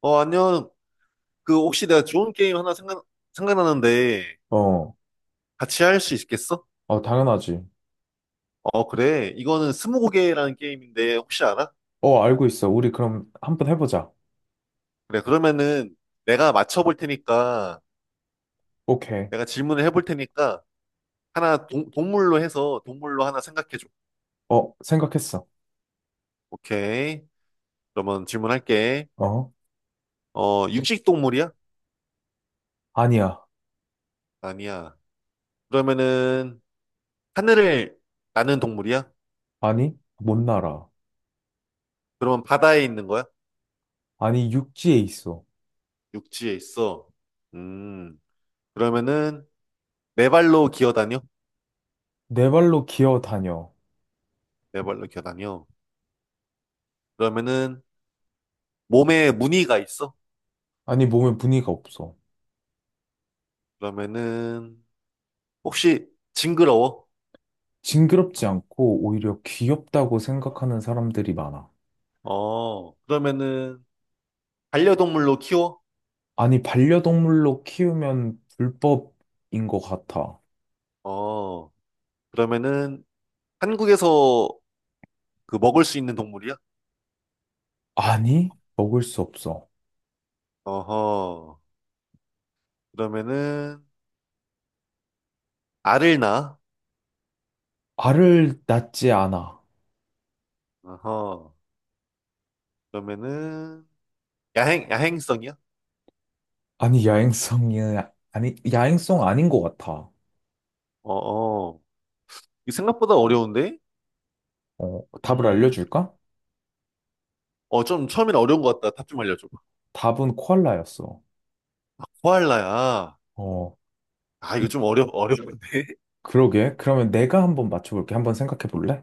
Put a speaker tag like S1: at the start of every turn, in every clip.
S1: 어, 안녕. 그, 혹시 내가 좋은 게임 하나 생각나는데,
S2: 어,
S1: 같이 할 수 있겠어?
S2: 어, 당연하지.
S1: 어, 그래. 이거는 스무고개라는 게임인데, 혹시 알아?
S2: 어, 알고 있어. 우리 그럼 한번 해보자.
S1: 그래, 그러면은 내가 맞춰볼 테니까,
S2: 오케이.
S1: 내가 질문을 해볼 테니까, 하나 동, 동물로 해서 동물로 하나 생각해줘.
S2: 어, 생각했어.
S1: 오케이. 그러면 질문할게.
S2: 어?
S1: 육식 동물이야?
S2: 아니야.
S1: 아니야. 그러면은, 하늘을 나는 동물이야?
S2: 아니, 못 날아.
S1: 그러면 바다에 있는 거야?
S2: 아니, 육지에 있어.
S1: 육지에 있어. 음, 그러면은, 네 발로 기어다녀?
S2: 네 발로 기어 다녀.
S1: 네 발로 기어다녀. 그러면은 몸에 무늬가 있어?
S2: 아니, 몸에 무늬가 없어.
S1: 그러면은 혹시 징그러워?
S2: 징그럽지 않고 오히려 귀엽다고 생각하는 사람들이 많아.
S1: 어, 그러면은 반려동물로 키워?
S2: 아니, 반려동물로 키우면 불법인 것 같아.
S1: 어, 그러면은 한국에서 그 먹을 수 있는 동물이야?
S2: 아니, 먹을 수 없어.
S1: 어허. 그러면은 알을 낳아?
S2: 알을 낳지 않아.
S1: 어허. 그러면은 야행성이야?
S2: 아니, 아니, 야행성 아닌 것 같아.
S1: 어어. 이 생각보다 어려운데?
S2: 어, 답을
S1: 음.
S2: 알려줄까?
S1: 어, 좀 처음엔 어려운 것 같다. 답 좀 알려줘.
S2: 답은 코알라였어.
S1: 아, 코알라야.
S2: 어,
S1: 아, 이거
S2: 이-
S1: 좀 어려워.
S2: 그러게. 그러면 내가 한번 맞춰볼게. 한번 생각해 볼래?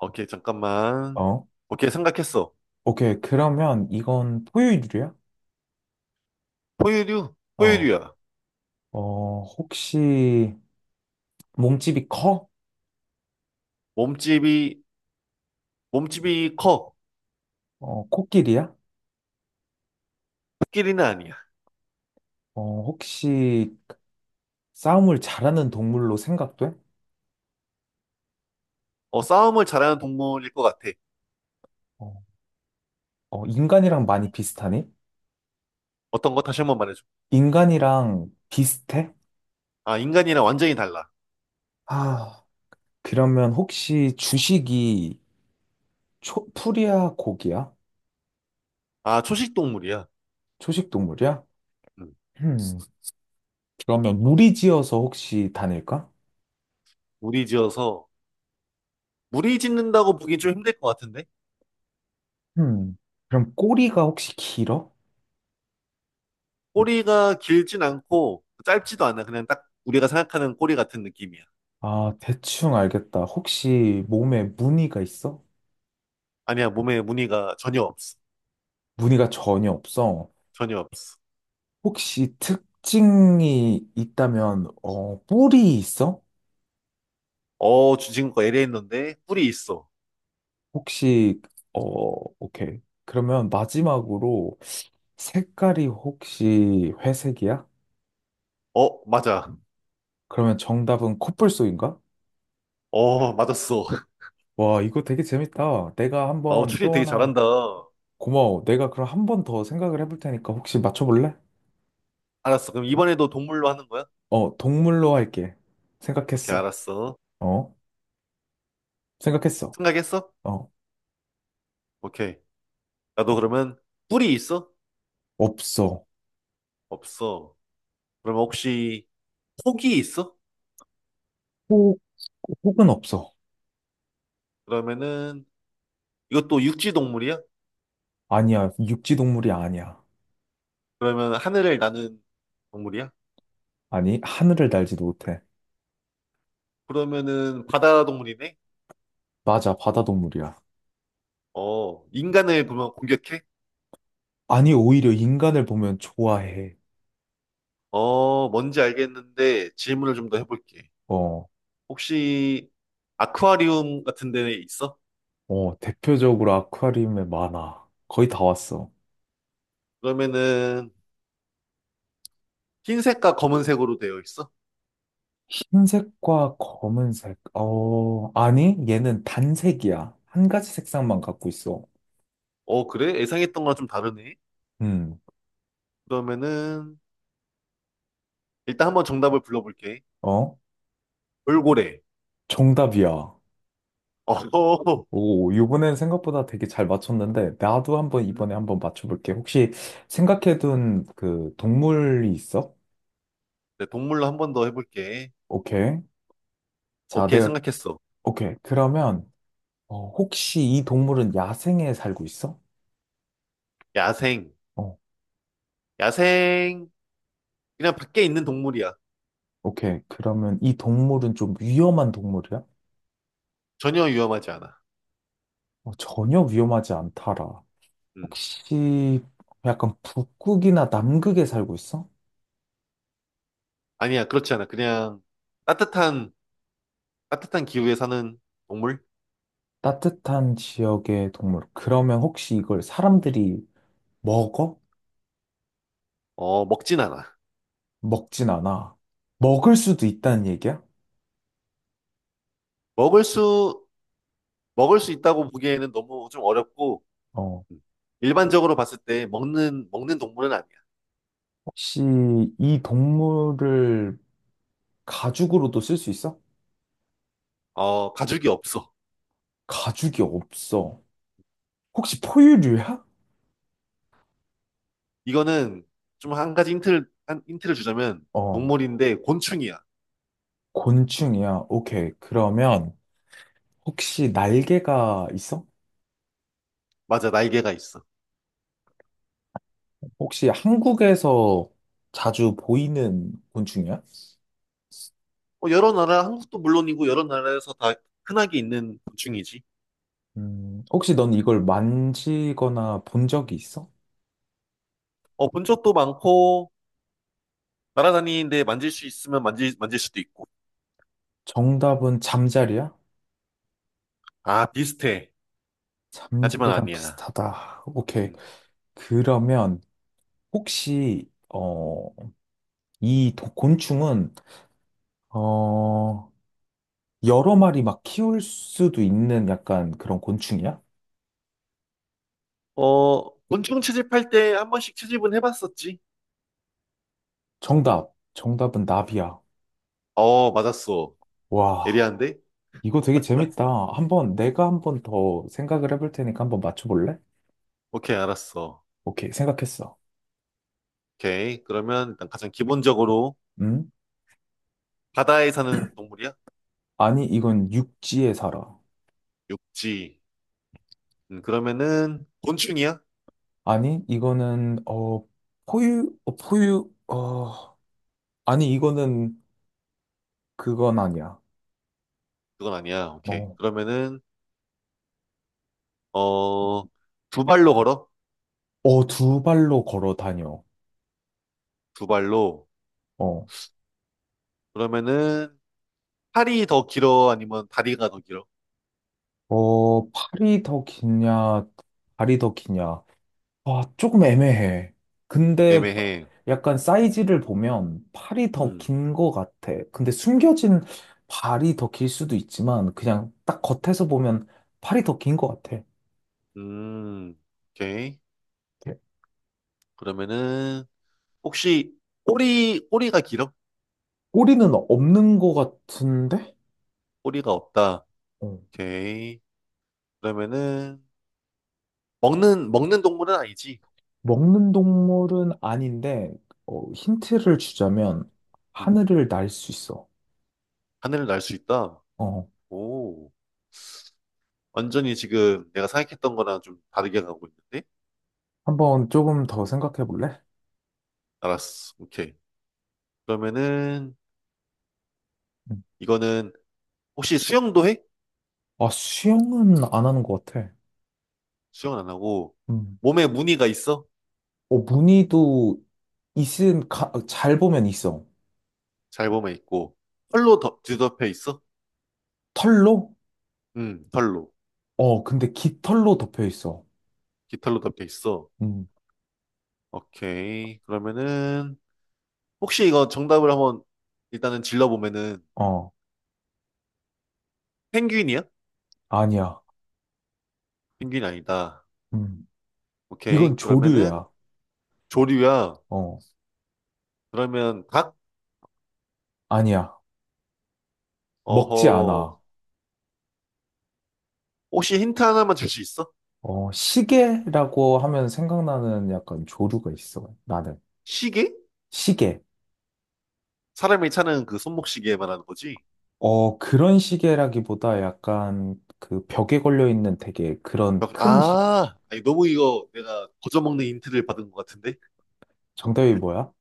S1: 오케이, 잠깐만.
S2: 어,
S1: 오케이, 생각했어.
S2: 오케이. 그러면 이건 포유류야?
S1: 포유류?
S2: 어,
S1: 포유류야.
S2: 어, 혹시 몸집이 커?
S1: 몸집이, 몸집이 커.
S2: 어, 코끼리야?
S1: 코끼리는 아니야.
S2: 어, 혹시 싸움을 잘하는 동물로 생각돼?
S1: 어, 싸움을 잘하는 동물일 것 같아.
S2: 어, 어, 인간이랑 많이 비슷하니?
S1: 어떤 거 다시 한 번 말해줘.
S2: 인간이랑 비슷해?
S1: 아, 인간이랑 완전히 달라.
S2: 아, 그러면 혹시 주식이 풀이야, 고기야?
S1: 아, 초식 동물이야.
S2: 초식 동물이야?
S1: 음,
S2: 음, 그러면 무리지어서 혹시 다닐까?
S1: 무리 지어서. 무리 짓는다고 보기 좀 힘들 것 같은데?
S2: 음, 그럼 꼬리가 혹시 길어?
S1: 꼬리가 길진 않고 짧지도 않아. 그냥 딱 우리가 생각하는 꼬리 같은 느낌이야.
S2: 아, 대충 알겠다. 혹시 몸에 무늬가 있어?
S1: 아니야, 몸에 무늬가 전혀 없어.
S2: 무늬가 전혀 없어.
S1: 전혀 없어.
S2: 혹시 특징이 있다면, 뿔이 있어?
S1: 어, 지금 거 LA 했는데 뿔이 있어.
S2: 혹시, 어, 오케이. 그러면 마지막으로 색깔이 혹시 회색이야?
S1: 어, 맞아.
S2: 그러면 정답은 코뿔소인가?
S1: 어, 맞았어.
S2: 와, 이거 되게 재밌다. 내가
S1: 어,
S2: 한번
S1: 추리
S2: 또
S1: 되게
S2: 하나
S1: 잘한다.
S2: 고마워. 내가 그럼 한 번 더 생각을 해볼 테니까 혹시 맞춰볼래?
S1: 알았어. 그럼 이번에도 동물로 하는 거야?
S2: 어, 동물로 할게.
S1: 오케이,
S2: 생각했어.
S1: 알았어.
S2: 어? 생각했어.
S1: 생각했어?
S2: 어,
S1: 오케이. 나도 그러면 뿔이 있어?
S2: 없어.
S1: 없어. 그러면 혹시 폭이 있어?
S2: 혹, 혹은 없어.
S1: 그러면은 이것도 육지 동물이야?
S2: 아니야, 육지 동물이 아니야.
S1: 그러면 하늘을 나는 동물이야?
S2: 아니, 하늘을 날지도 못해.
S1: 그러면은 바다 동물이네?
S2: 맞아, 바다 동물이야.
S1: 어, 인간을 그러면 공격해?
S2: 아니, 오히려 인간을 보면 좋아해.
S1: 어, 뭔지 알겠는데 질문을 좀 더 해볼게.
S2: 어,
S1: 혹시 아쿠아리움 같은 데 있어?
S2: 어, 대표적으로 아쿠아리움에 많아. 거의 다 왔어.
S1: 그러면은 흰색과 검은색으로 되어 있어?
S2: 흰색과 검은색. 어, 아니, 얘는 단색이야. 한 가지 색상만 갖고 있어.
S1: 어, 그래? 예상했던 거랑 좀 다르네.
S2: 음.
S1: 그러면은, 일단 한번 정답을 불러볼게.
S2: 어?
S1: 돌고래.
S2: 정답이야.
S1: 어,
S2: 오, 이번엔 생각보다 되게 잘 맞췄는데, 나도 한번
S1: 음,
S2: 이번에 한번 맞춰볼게. 혹시 생각해둔 그 동물이 있어?
S1: 네, 동물로 한 번 더 해볼게.
S2: 오케이. 자,
S1: 오케이,
S2: 내가,
S1: 생각했어.
S2: 오케이. 그러면, 혹시 이 동물은 야생에 살고 있어?
S1: 야생.
S2: 어,
S1: 야생. 그냥 밖에 있는 동물이야.
S2: 오케이. 그러면 이 동물은 좀 위험한 동물이야?
S1: 전혀 위험하지 않아.
S2: 어, 전혀 위험하지 않더라.
S1: 음.
S2: 혹시 약간 북극이나 남극에 살고 있어?
S1: 아니야, 그렇지 않아. 따뜻한, 따뜻한 기후에 사는 동물?
S2: 따뜻한 지역의 동물. 그러면 혹시 이걸 사람들이 먹어?
S1: 어, 먹진 않아.
S2: 먹진 않아.
S1: 음.
S2: 먹을 수도 있다는 얘기야?
S1: 먹을 수, 먹을 수 있다고 보기에는 너무 좀 어렵고,
S2: 어.
S1: 음. 일반적으로 봤을 때 먹는 동물은 아니야.
S2: 혹시 이 동물을 가죽으로도 쓸 수 있어?
S1: 어, 가죽이 없어.
S2: 가죽이 없어. 혹시 포유류야?
S1: 이거는 좀 한 힌트를 주자면
S2: 어.
S1: 동물인데 곤충이야.
S2: 곤충이야. 오케이. 그러면 혹시 날개가 있어?
S1: 맞아, 날개가 있어.
S2: 혹시 한국에서 자주 보이는 곤충이야?
S1: 어, 여러 나라, 한국도 물론이고 여러 나라에서 다 흔하게 있는 곤충이지.
S2: 혹시 넌 이걸 만지거나 본 적이 있어?
S1: 어, 본 적도 많고, 날아다니는데 만질 수 있으면 만질 수도 있고.
S2: 정답은 잠자리야?
S1: 아, 비슷해. 하지만
S2: 잠자리랑
S1: 아니야.
S2: 비슷하다. 오케이.
S1: 음.
S2: 그러면 혹시 곤충은 어, 여러 마리 막 키울 수도 있는 약간 그런 곤충이야?
S1: 어, 곤충 채집할 때 한 번씩 채집은 해봤었지?
S2: 정답. 정답은 나비야.
S1: 어, 맞았어.
S2: 와,
S1: 예리한데?
S2: 이거 되게 재밌다. 한번 내가 한번 더 생각을 해볼 테니까 한번 맞춰볼래?
S1: 오케이, 알았어.
S2: 오케이, 생각했어.
S1: 오케이. 그러면 일단 가장 기본적으로
S2: 음?
S1: 바다에 사는 동물이야?
S2: 아니, 이건 육지에 살아.
S1: 육지. 그러면은 곤충이야?
S2: 아니, 이거는 포유, 어, 포유, 어, 아니, 이거는 그건 아니야.
S1: 그건 아니야. 오케이.
S2: 어,
S1: 그러면은 어, 두 발로 걸어?
S2: 어, 두 발로 걸어 다녀.
S1: 두 발로.
S2: 어,
S1: 그러면은 팔이 더 길어? 아니면 다리가 더 길어?
S2: 어, 팔이 더 기냐, 다리 더 기냐. 아, 조금 애매해. 근데
S1: 애매해.
S2: 약간
S1: 음,
S2: 사이즈를 보면 팔이 더
S1: 음,
S2: 긴 것 같아. 근데 숨겨진 발이 더 길 수도 있지만 그냥 딱 겉에서 보면 팔이 더 긴 것 같아.
S1: 음. 오케이. 그러면은 혹시 꼬리가 길어?
S2: 꼬리는 없는 것 같은데?
S1: 꼬리가 없다.
S2: 어,
S1: 오케이. 그러면은 먹는 동물은 아니지?
S2: 먹는 동물은 아닌데, 힌트를 주자면
S1: 음,
S2: 하늘을 날 수 있어.
S1: 하늘을 날 수 있다.
S2: 어,
S1: 오, 완전히 지금 내가 생각했던 거랑 좀 다르게 가고 있는데?
S2: 한번 조금 더 생각해 볼래?
S1: 알았어. 오케이. 그러면은
S2: 음.
S1: 이거는 혹시 수영도 해?
S2: 아, 수영은 안 하는 것 같아.
S1: 수영은 안 하고
S2: 음.
S1: 몸에 무늬가 있어?
S2: 어, 무늬도 잘 보면 있어.
S1: 잘 보면 있고 뒤덮여 있어?
S2: 털로?
S1: 털로
S2: 어, 근데 깃털로 덮여 있어.
S1: 깃털로 덮여 있어.
S2: 음.
S1: 오케이. 그러면은 혹시 이거 정답을 한번 일단은 질러 보면은
S2: 어,
S1: 펭귄이야?
S2: 아니야.
S1: 펭귄 아니다.
S2: 음. 이건
S1: 오케이. 그러면은
S2: 조류야.
S1: 조류야.
S2: 어,
S1: 그러면 닭?
S2: 아니야. 먹지
S1: 어허.
S2: 않아.
S1: 혹시 힌트 하나만 줄 수 있어?
S2: 어, 시계라고 하면 생각나는 약간 조류가 있어. 나는.
S1: 시계?
S2: 시계.
S1: 사람이 차는 그 손목시계 말하는 거지?
S2: 어, 그런 시계라기보다 약간 그 벽에 걸려 있는 되게 그런 큰 시계.
S1: 아, 아니, 너무 이거 내가 거저먹는 힌트를 받은 것 같은데?
S2: 정답이 뭐야?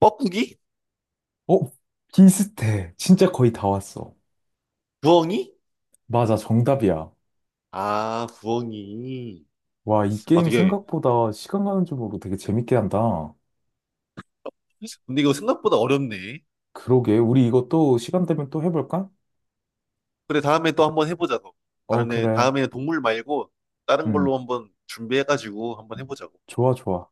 S1: 뻐꾸기?
S2: 어? 비슷해. 진짜 거의 다 왔어.
S1: 부엉이?
S2: 맞아, 정답이야.
S1: 아, 부엉이.
S2: 와, 이
S1: 아,
S2: 게임
S1: 되게.
S2: 생각보다 시간 가는 줄 모르고 되게 재밌게 한다.
S1: 근데 이거 생각보다 어렵네.
S2: 그러게, 우리 이것도 시간 되면 또 해볼까?
S1: 그래, 다음에 또 한번 해보자고.
S2: 어, 그래.
S1: 다음에 동물 말고 다른
S2: 음,
S1: 걸로 한번 준비해가지고 한번 해보자고.
S2: 좋아, 좋아.